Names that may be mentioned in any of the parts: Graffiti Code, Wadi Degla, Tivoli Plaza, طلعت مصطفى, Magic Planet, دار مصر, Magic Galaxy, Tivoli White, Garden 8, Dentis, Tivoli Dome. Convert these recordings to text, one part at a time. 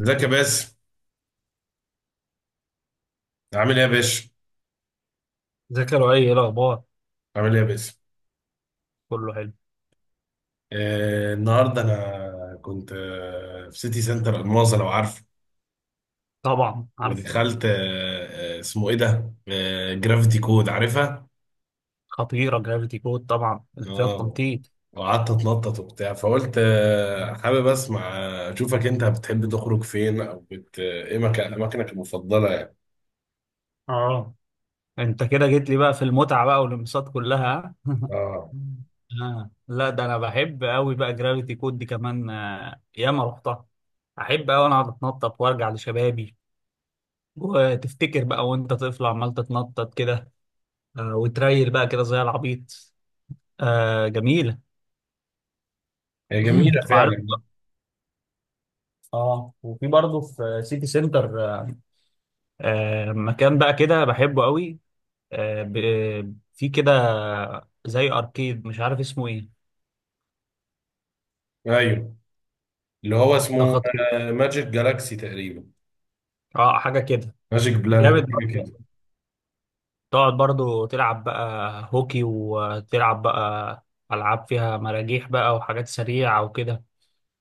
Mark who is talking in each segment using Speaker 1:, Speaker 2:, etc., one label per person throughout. Speaker 1: ازيك يا باسم؟ عامل ايه يا باشا؟
Speaker 2: ازيك يا لؤي؟ ايه الاخبار؟
Speaker 1: عامل ايه يا باسم؟
Speaker 2: كله حلو.
Speaker 1: النهارده انا كنت في سيتي سنتر الماظة لو عارف.
Speaker 2: طبعا عارف.
Speaker 1: ودخلت اسمه ايه ده؟ جرافيتي كود، عارفها؟
Speaker 2: خطيره جرافيتي كود، طبعا اللي فيها
Speaker 1: اه.
Speaker 2: التنطيط.
Speaker 1: وقعدت اتنطط وبتاع، فقلت حابب اسمع، اشوفك انت بتحب تخرج فين، او بت آه، ايه مكان اماكنك المفضله يعني؟
Speaker 2: اه. انت كده جيت لي بقى في المتعه بقى والانبساط كلها
Speaker 1: اه.
Speaker 2: آه. لا، ده انا بحب قوي بقى جرافيتي كود دي كمان، ياما رحتها. احب قوي انا اقعد اتنطط وارجع لشبابي، وتفتكر بقى وانت طفل عمال تتنطط كده، وتريل بقى كده زي العبيط. جميله.
Speaker 1: هي جميله
Speaker 2: وعارف.
Speaker 1: فعلا.
Speaker 2: اه وفي برضه في سيتي سنتر، مكان بقى كده بحبه قوي، في كده زي اركيد مش عارف اسمه ايه.
Speaker 1: ايوه، اللي هو
Speaker 2: ده
Speaker 1: اسمه
Speaker 2: خطير.
Speaker 1: ماجيك جالاكسي تقريبا.
Speaker 2: اه حاجه كده.
Speaker 1: ماجيك
Speaker 2: جامد
Speaker 1: بلانت حاجه
Speaker 2: برضه،
Speaker 1: كده.
Speaker 2: تقعد برضه تلعب بقى هوكي وتلعب بقى العاب فيها مراجيح بقى وحاجات سريعه وكده،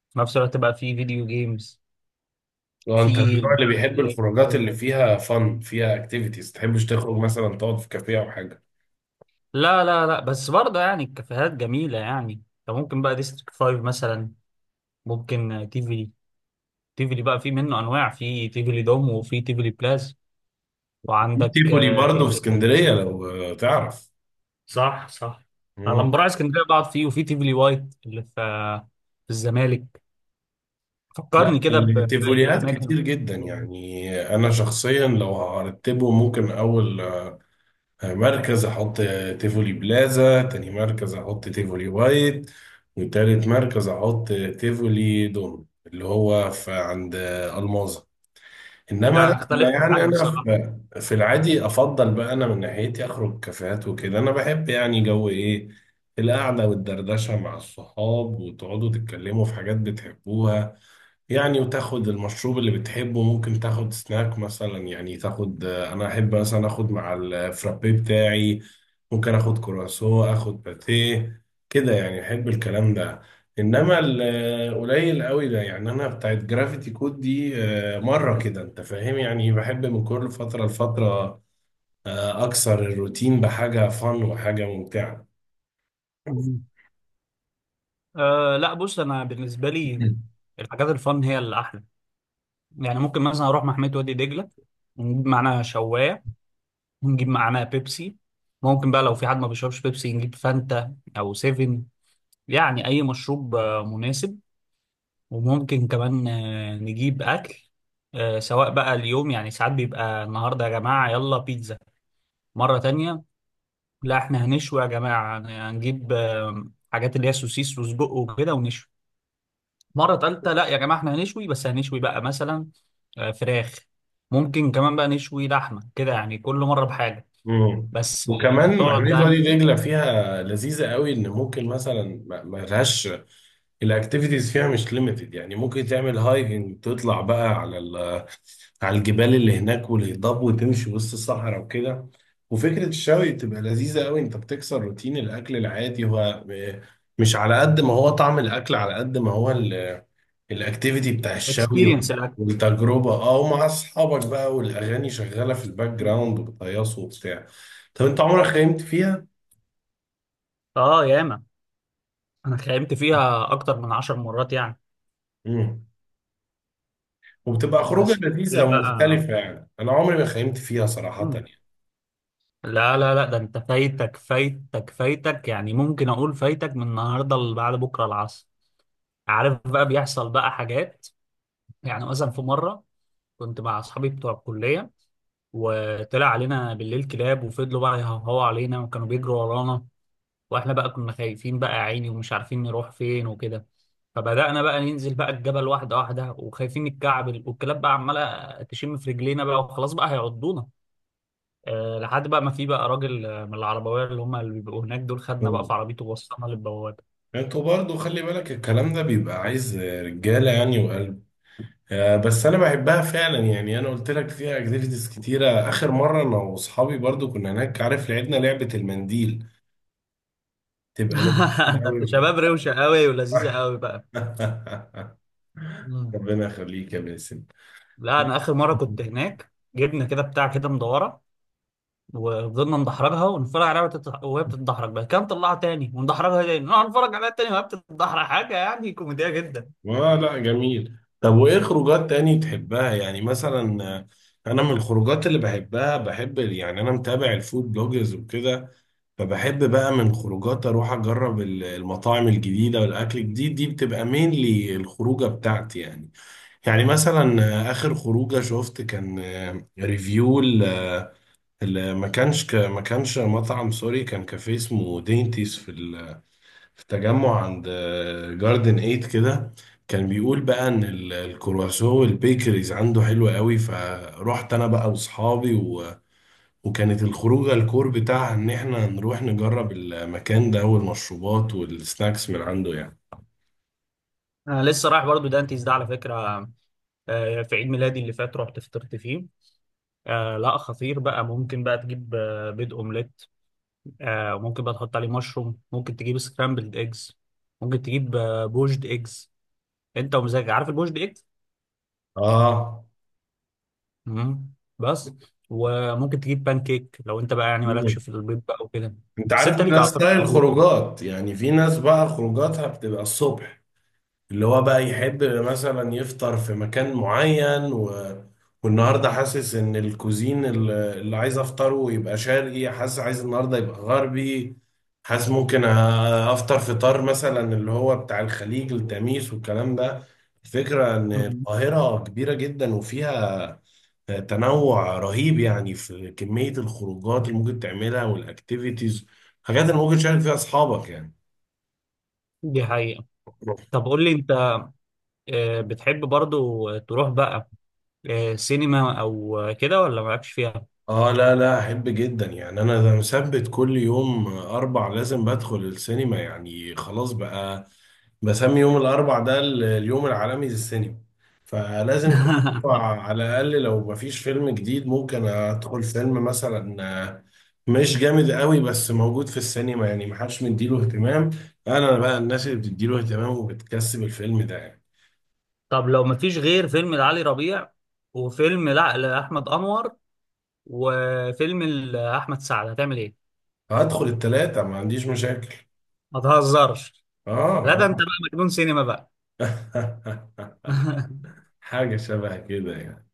Speaker 2: في نفس الوقت بقى في فيديو جيمز.
Speaker 1: لو انت من
Speaker 2: في
Speaker 1: النوع اللي
Speaker 2: البتاع
Speaker 1: بيحب
Speaker 2: اللي
Speaker 1: الخروجات اللي
Speaker 2: الإلكترونية.
Speaker 1: فيها فن، فيها اكتيفيتيز، تحبش تخرج مثلا تقعد في كافيه او حاجه؟
Speaker 2: لا لا لا، بس برضه يعني الكافيهات جميله، يعني انت ممكن بقى ديستريكت 5 مثلا، ممكن تيفلي. تيفلي بقى في منه انواع، في تيفلي دوم وفي تيفلي بلاس.
Speaker 1: في
Speaker 2: وعندك
Speaker 1: تيفولي
Speaker 2: ايه
Speaker 1: برضه في
Speaker 2: تاني؟
Speaker 1: اسكندريه لو تعرف.
Speaker 2: صح، صح. انا لما
Speaker 1: مم.
Speaker 2: بروح اسكندريه بقعد فيه وفي تيفلي وايت اللي في في الزمالك. فكرني
Speaker 1: لا،
Speaker 2: كده بباقي
Speaker 1: التيفوليات
Speaker 2: الاماكن.
Speaker 1: كتير جدا يعني. انا شخصيا لو هرتبه، ممكن اول مركز احط تيفولي بلازا، تاني مركز احط تيفولي وايت، وتالت مركز احط تيفولي دوم اللي هو في عند الماظة. انما
Speaker 2: لا، انا
Speaker 1: لا، أنا
Speaker 2: اختلف معاك
Speaker 1: يعني انا
Speaker 2: بصراحه.
Speaker 1: في العادي افضل بقى. انا من ناحيتي اخرج كافيهات وكده. انا بحب يعني جو ايه؟ القعده والدردشه مع الصحاب، وتقعدوا تتكلموا في حاجات بتحبوها يعني، وتاخد المشروب اللي بتحبه، ممكن تاخد سناك مثلا. يعني تاخد، انا احب مثلا اخد مع الفرابي بتاعي، ممكن اخد كرواسو، اخد باتيه، كده يعني. احب الكلام ده. انما القليل قوي ده، يعني انا بتاعت جرافيتي كود دي، مره كده، انت فاهم يعني، بحب من كل فتره لفتره اكسر الروتين بحاجه فن وحاجه ممتعه.
Speaker 2: مم. لا، بص، انا بالنسبه لي الحاجات الفن هي اللي احلى. يعني ممكن مثلا اروح محميه وادي دجله، ونجيب معانا شوايه، ونجيب معانا بيبسي. ممكن بقى لو في حد ما بيشربش بيبسي نجيب فانتا او سيفن، يعني اي مشروب مناسب. وممكن كمان نجيب أكل، سواء بقى اليوم، يعني ساعات بيبقى النهاردة يا جماعة يلا بيتزا. مرة تانية لا، احنا هنشوي يا جماعة، هنجيب حاجات اللي هي سوسيس وسجق وكده ونشوي. مرة تالتة لا يا جماعة، احنا هنشوي، بس هنشوي بقى مثلا فراخ. ممكن كمان بقى نشوي لحمة كده، يعني كل مرة بحاجة.
Speaker 1: مم.
Speaker 2: بس
Speaker 1: وكمان
Speaker 2: تقعد
Speaker 1: محمية
Speaker 2: بقى
Speaker 1: وادي دجلة فيها لذيذة قوي، ان ممكن مثلا ما لهاش، الاكتيفيتيز فيها مش ليميتد يعني. ممكن تعمل هايكنج، تطلع بقى على على الجبال اللي هناك والهضاب، وتمشي وسط الصحراء وكده. وفكرة الشوي بتبقى لذيذة قوي. انت بتكسر روتين الاكل العادي. هو مش على قد ما هو طعم الاكل، على قد ما هو الاكتيفيتي بتاع الشوي
Speaker 2: اكسبيرينس الأكل.
Speaker 1: والتجربه. اه، ومع اصحابك بقى والاغاني شغاله في الباك جراوند وبتهيصوا وبتاع. طب انت عمرك خيمت فيها؟
Speaker 2: اه ياما، انا خيمت فيها اكتر من 10 مرات يعني.
Speaker 1: امم وبتبقى خروجه
Speaker 2: بس
Speaker 1: لذيذه
Speaker 2: بالليل بقى،
Speaker 1: ومختلفه يعني. انا عمري ما خيمت فيها صراحه يعني.
Speaker 2: لا لا لا، ده انت فايتك فايتك فايتك. يعني ممكن اقول فايتك من النهارده لبعد بكره العصر. عارف بقى بيحصل بقى حاجات. يعني مثلا في مره كنت مع اصحابي بتوع الكليه، وطلع علينا بالليل كلاب وفضلوا بقى يهوهوا علينا وكانوا بيجروا ورانا. واحنا بقى كنا خايفين بقى يا عيني، ومش عارفين نروح فين وكده. فبدأنا بقى ننزل بقى الجبل واحدة واحدة، وخايفين نتكعبل، والكلاب بقى عمالة تشم في رجلينا بقى وخلاص بقى هيعضونا، لحد بقى ما في بقى راجل من العربويه اللي هم اللي بيبقوا هناك دول، خدنا بقى
Speaker 1: مم.
Speaker 2: في عربيته ووصلنا للبوابه.
Speaker 1: انتوا برضو خلي بالك، الكلام ده بيبقى عايز رجاله يعني وقلب. بس انا بحبها فعلا يعني. انا قلت لك فيها اكتيفيتيز كتيره. اخر مره انا واصحابي برضو كنا هناك، عارف، لعبنا لعبه المنديل، تبقى لذيذه
Speaker 2: ده انت
Speaker 1: قوي.
Speaker 2: شباب روشه قوي ولذيذه قوي بقى. مم.
Speaker 1: ربنا يخليك يا باسم.
Speaker 2: لا، انا اخر مره كنت هناك جبنا كده بتاع كده مدوره، وفضلنا ندحرجها ونتفرج عليها، وهي بتتدحرج بقى، كان طلعها تاني وندحرجها تاني نقعد نتفرج عليها تاني وهي بتتدحرج، حاجه يعني كوميديه جدا.
Speaker 1: اه، لا جميل. طب وايه خروجات تاني تحبها يعني؟ مثلا انا من الخروجات اللي بحبها، بحب يعني، انا متابع الفود بلوجرز وكده، فبحب بقى من خروجات اروح اجرب المطاعم الجديده والاكل الجديد. دي بتبقى مينلي الخروجه بتاعتي يعني. يعني مثلا اخر خروجه شفت كان ريفيو. ما كانش مطعم سوري، كان كافيه اسمه دينتيس في في تجمع عند جاردن 8 كده. كان بيقول بقى ان الكرواسو والبيكريز عنده حلو قوي، فروحت انا بقى واصحابي و، وكانت الخروجه الكور بتاعها ان احنا نروح نجرب المكان ده والمشروبات والسناكس من عنده يعني.
Speaker 2: انا لسه رايح برضو دانتيز ده على فكره، في عيد ميلادي اللي فات رحت فطرت فيه. لا، خطير بقى، ممكن بقى تجيب بيض اومليت، وممكن بقى تحط عليه مشروم، ممكن تجيب سكرامبلد ايجز، ممكن تجيب بوجد ايجز. انت ومزاجك عارف البوجد ايجز.
Speaker 1: اه.
Speaker 2: مم. بس، وممكن تجيب بان كيك لو انت بقى يعني مالكش في البيض بقى وكده.
Speaker 1: انت
Speaker 2: بس
Speaker 1: عارف
Speaker 2: انت
Speaker 1: ان
Speaker 2: ليك
Speaker 1: ده
Speaker 2: اعتقد في
Speaker 1: ستايل
Speaker 2: البيض.
Speaker 1: خروجات، يعني في ناس بقى خروجاتها بتبقى الصبح، اللي هو بقى يحب مثلا يفطر في مكان معين، و، والنهارده حاسس ان الكوزين اللي عايز افطره يبقى شرقي، حاسس عايز النهارده يبقى غربي، حاسس ممكن افطر فطار مثلا اللي هو بتاع الخليج، التميس والكلام ده. الفكرة ان
Speaker 2: مم.
Speaker 1: القاهرة كبيرة جدا، وفيها تنوع رهيب يعني في كمية الخروجات اللي ممكن تعملها، والاكتيفيتيز، حاجات اللي ممكن تشارك فيها اصحابك يعني.
Speaker 2: دي حقيقة. طب قول لي انت، بتحب برضو تروح بقى سينما او كده ولا مالكش فيها؟
Speaker 1: اه لا لا، احب جدا يعني. انا ده مثبت كل يوم اربع لازم بدخل السينما يعني. خلاص بقى، بسمي يوم الاربع ده اليوم العالمي للسينما، فلازم كل اربع
Speaker 2: طب
Speaker 1: على الاقل. لو مفيش فيلم جديد، ممكن ادخل فيلم مثلا آه، مش جامد قوي بس موجود في السينما، يعني محدش مديله اهتمام. انا بقى الناس اللي بتديله اهتمام وبتكسب الفيلم ده يعني.
Speaker 2: طب لو مفيش غير فيلم لعلي ربيع، وفيلم لا لأحمد أنور، وفيلم لأحمد سعد، هتعمل ايه؟
Speaker 1: هدخل التلاتة ما عنديش مشاكل.
Speaker 2: ما تهزرش. لا، ده انت
Speaker 1: اه.
Speaker 2: بقى مجنون سينما بقى.
Speaker 1: اه. حاجة شبه كده يعني.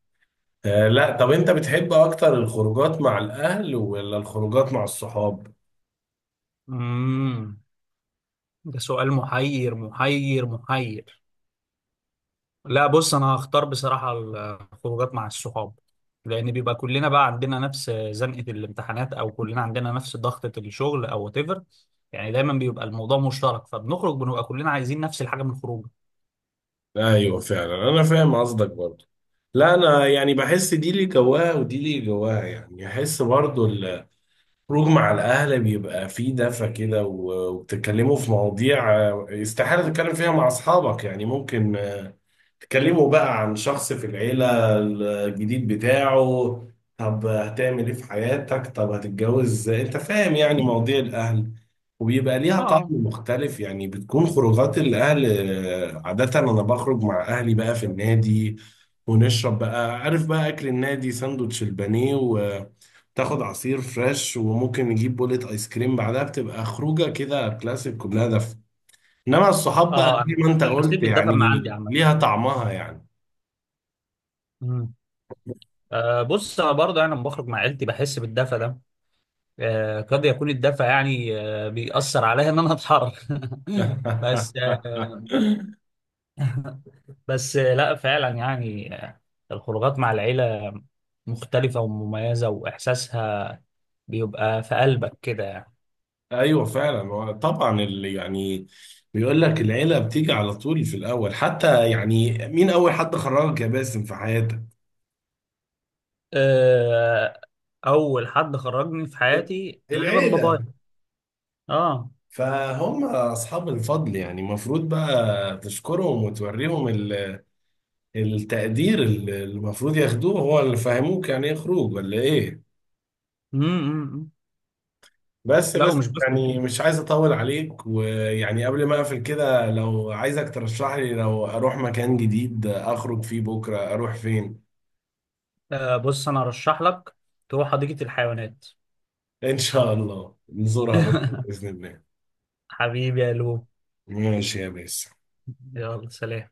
Speaker 1: لا، طب انت بتحب اكتر الخروجات مع الاهل ولا الخروجات مع الصحاب؟
Speaker 2: امم. ده سؤال محير محير محير. لا بص، انا هختار بصراحة الخروجات مع الصحاب. لان بيبقى كلنا بقى عندنا نفس زنقة الامتحانات، او كلنا عندنا نفس ضغطة الشغل او whatever. يعني دايما بيبقى الموضوع مشترك، فبنخرج بنبقى كلنا عايزين نفس الحاجة من الخروج.
Speaker 1: ايوه فعلا، انا فاهم قصدك برضو. لا انا يعني بحس دي لي جواها ودي لي جواها يعني. احس برضو الخروج مع الاهل بيبقى فيه دفى كده وبتتكلموا في مواضيع استحالة تتكلم فيها مع اصحابك يعني، ممكن تكلمه بقى عن شخص في العيلة، الجديد بتاعه، طب هتعمل ايه في حياتك، طب هتتجوز، انت فاهم يعني مواضيع الأهل، وبيبقى ليها طعم
Speaker 2: اه.
Speaker 1: مختلف يعني. بتكون خروجات الأهل عادة أنا بخرج مع أهلي بقى في النادي، ونشرب بقى، عارف بقى، أكل النادي ساندوتش البانيه، وتاخد عصير فريش، وممكن نجيب بولة آيس كريم بعدها. بتبقى خروجة كده كلاسيك كلها دفء. انما الصحاب بقى
Speaker 2: اه،
Speaker 1: زي ما انت
Speaker 2: انا حسيت
Speaker 1: قلت
Speaker 2: بالدفى من عندي
Speaker 1: يعني،
Speaker 2: عامة.
Speaker 1: ليها طعمها يعني.
Speaker 2: مم. بص، انا لما بخرج مع عيلتي بحس بالدفى ده، قد يكون الدفع يعني بيأثر عليها إن أنا أتحرك. بس بس لا فعلا يعني، الخروجات مع العيلة مختلفة ومميزة، وإحساسها بيبقى في قلبك كده يعني.
Speaker 1: ايوه فعلا. هو طبعا اللي يعني بيقول لك العيله بتيجي على طول في الاول حتى يعني. مين اول حد خرجك يا باسم في حياتك؟
Speaker 2: آه، أول حد خرجني في حياتي غالبا بابايا.
Speaker 1: العيله
Speaker 2: آه.
Speaker 1: فهم اصحاب الفضل يعني، المفروض بقى تشكرهم وتوريهم التقدير اللي المفروض ياخدوه، هو اللي فهموك يعني ايه خروج ولا ايه.
Speaker 2: امم.
Speaker 1: بس
Speaker 2: لا،
Speaker 1: بس،
Speaker 2: ومش بس كده.
Speaker 1: يعني مش عايز اطول عليك، ويعني قبل ما اقفل كده، لو عايزك ترشح لي لو اروح مكان جديد اخرج فيه بكره، اروح فين؟
Speaker 2: بص أنا أرشح لك تروح حديقة الحيوانات.
Speaker 1: ان شاء الله نزورها بكره باذن الله.
Speaker 2: حبيبي يا لو.
Speaker 1: ماشي يا باسم.
Speaker 2: يلا سلام.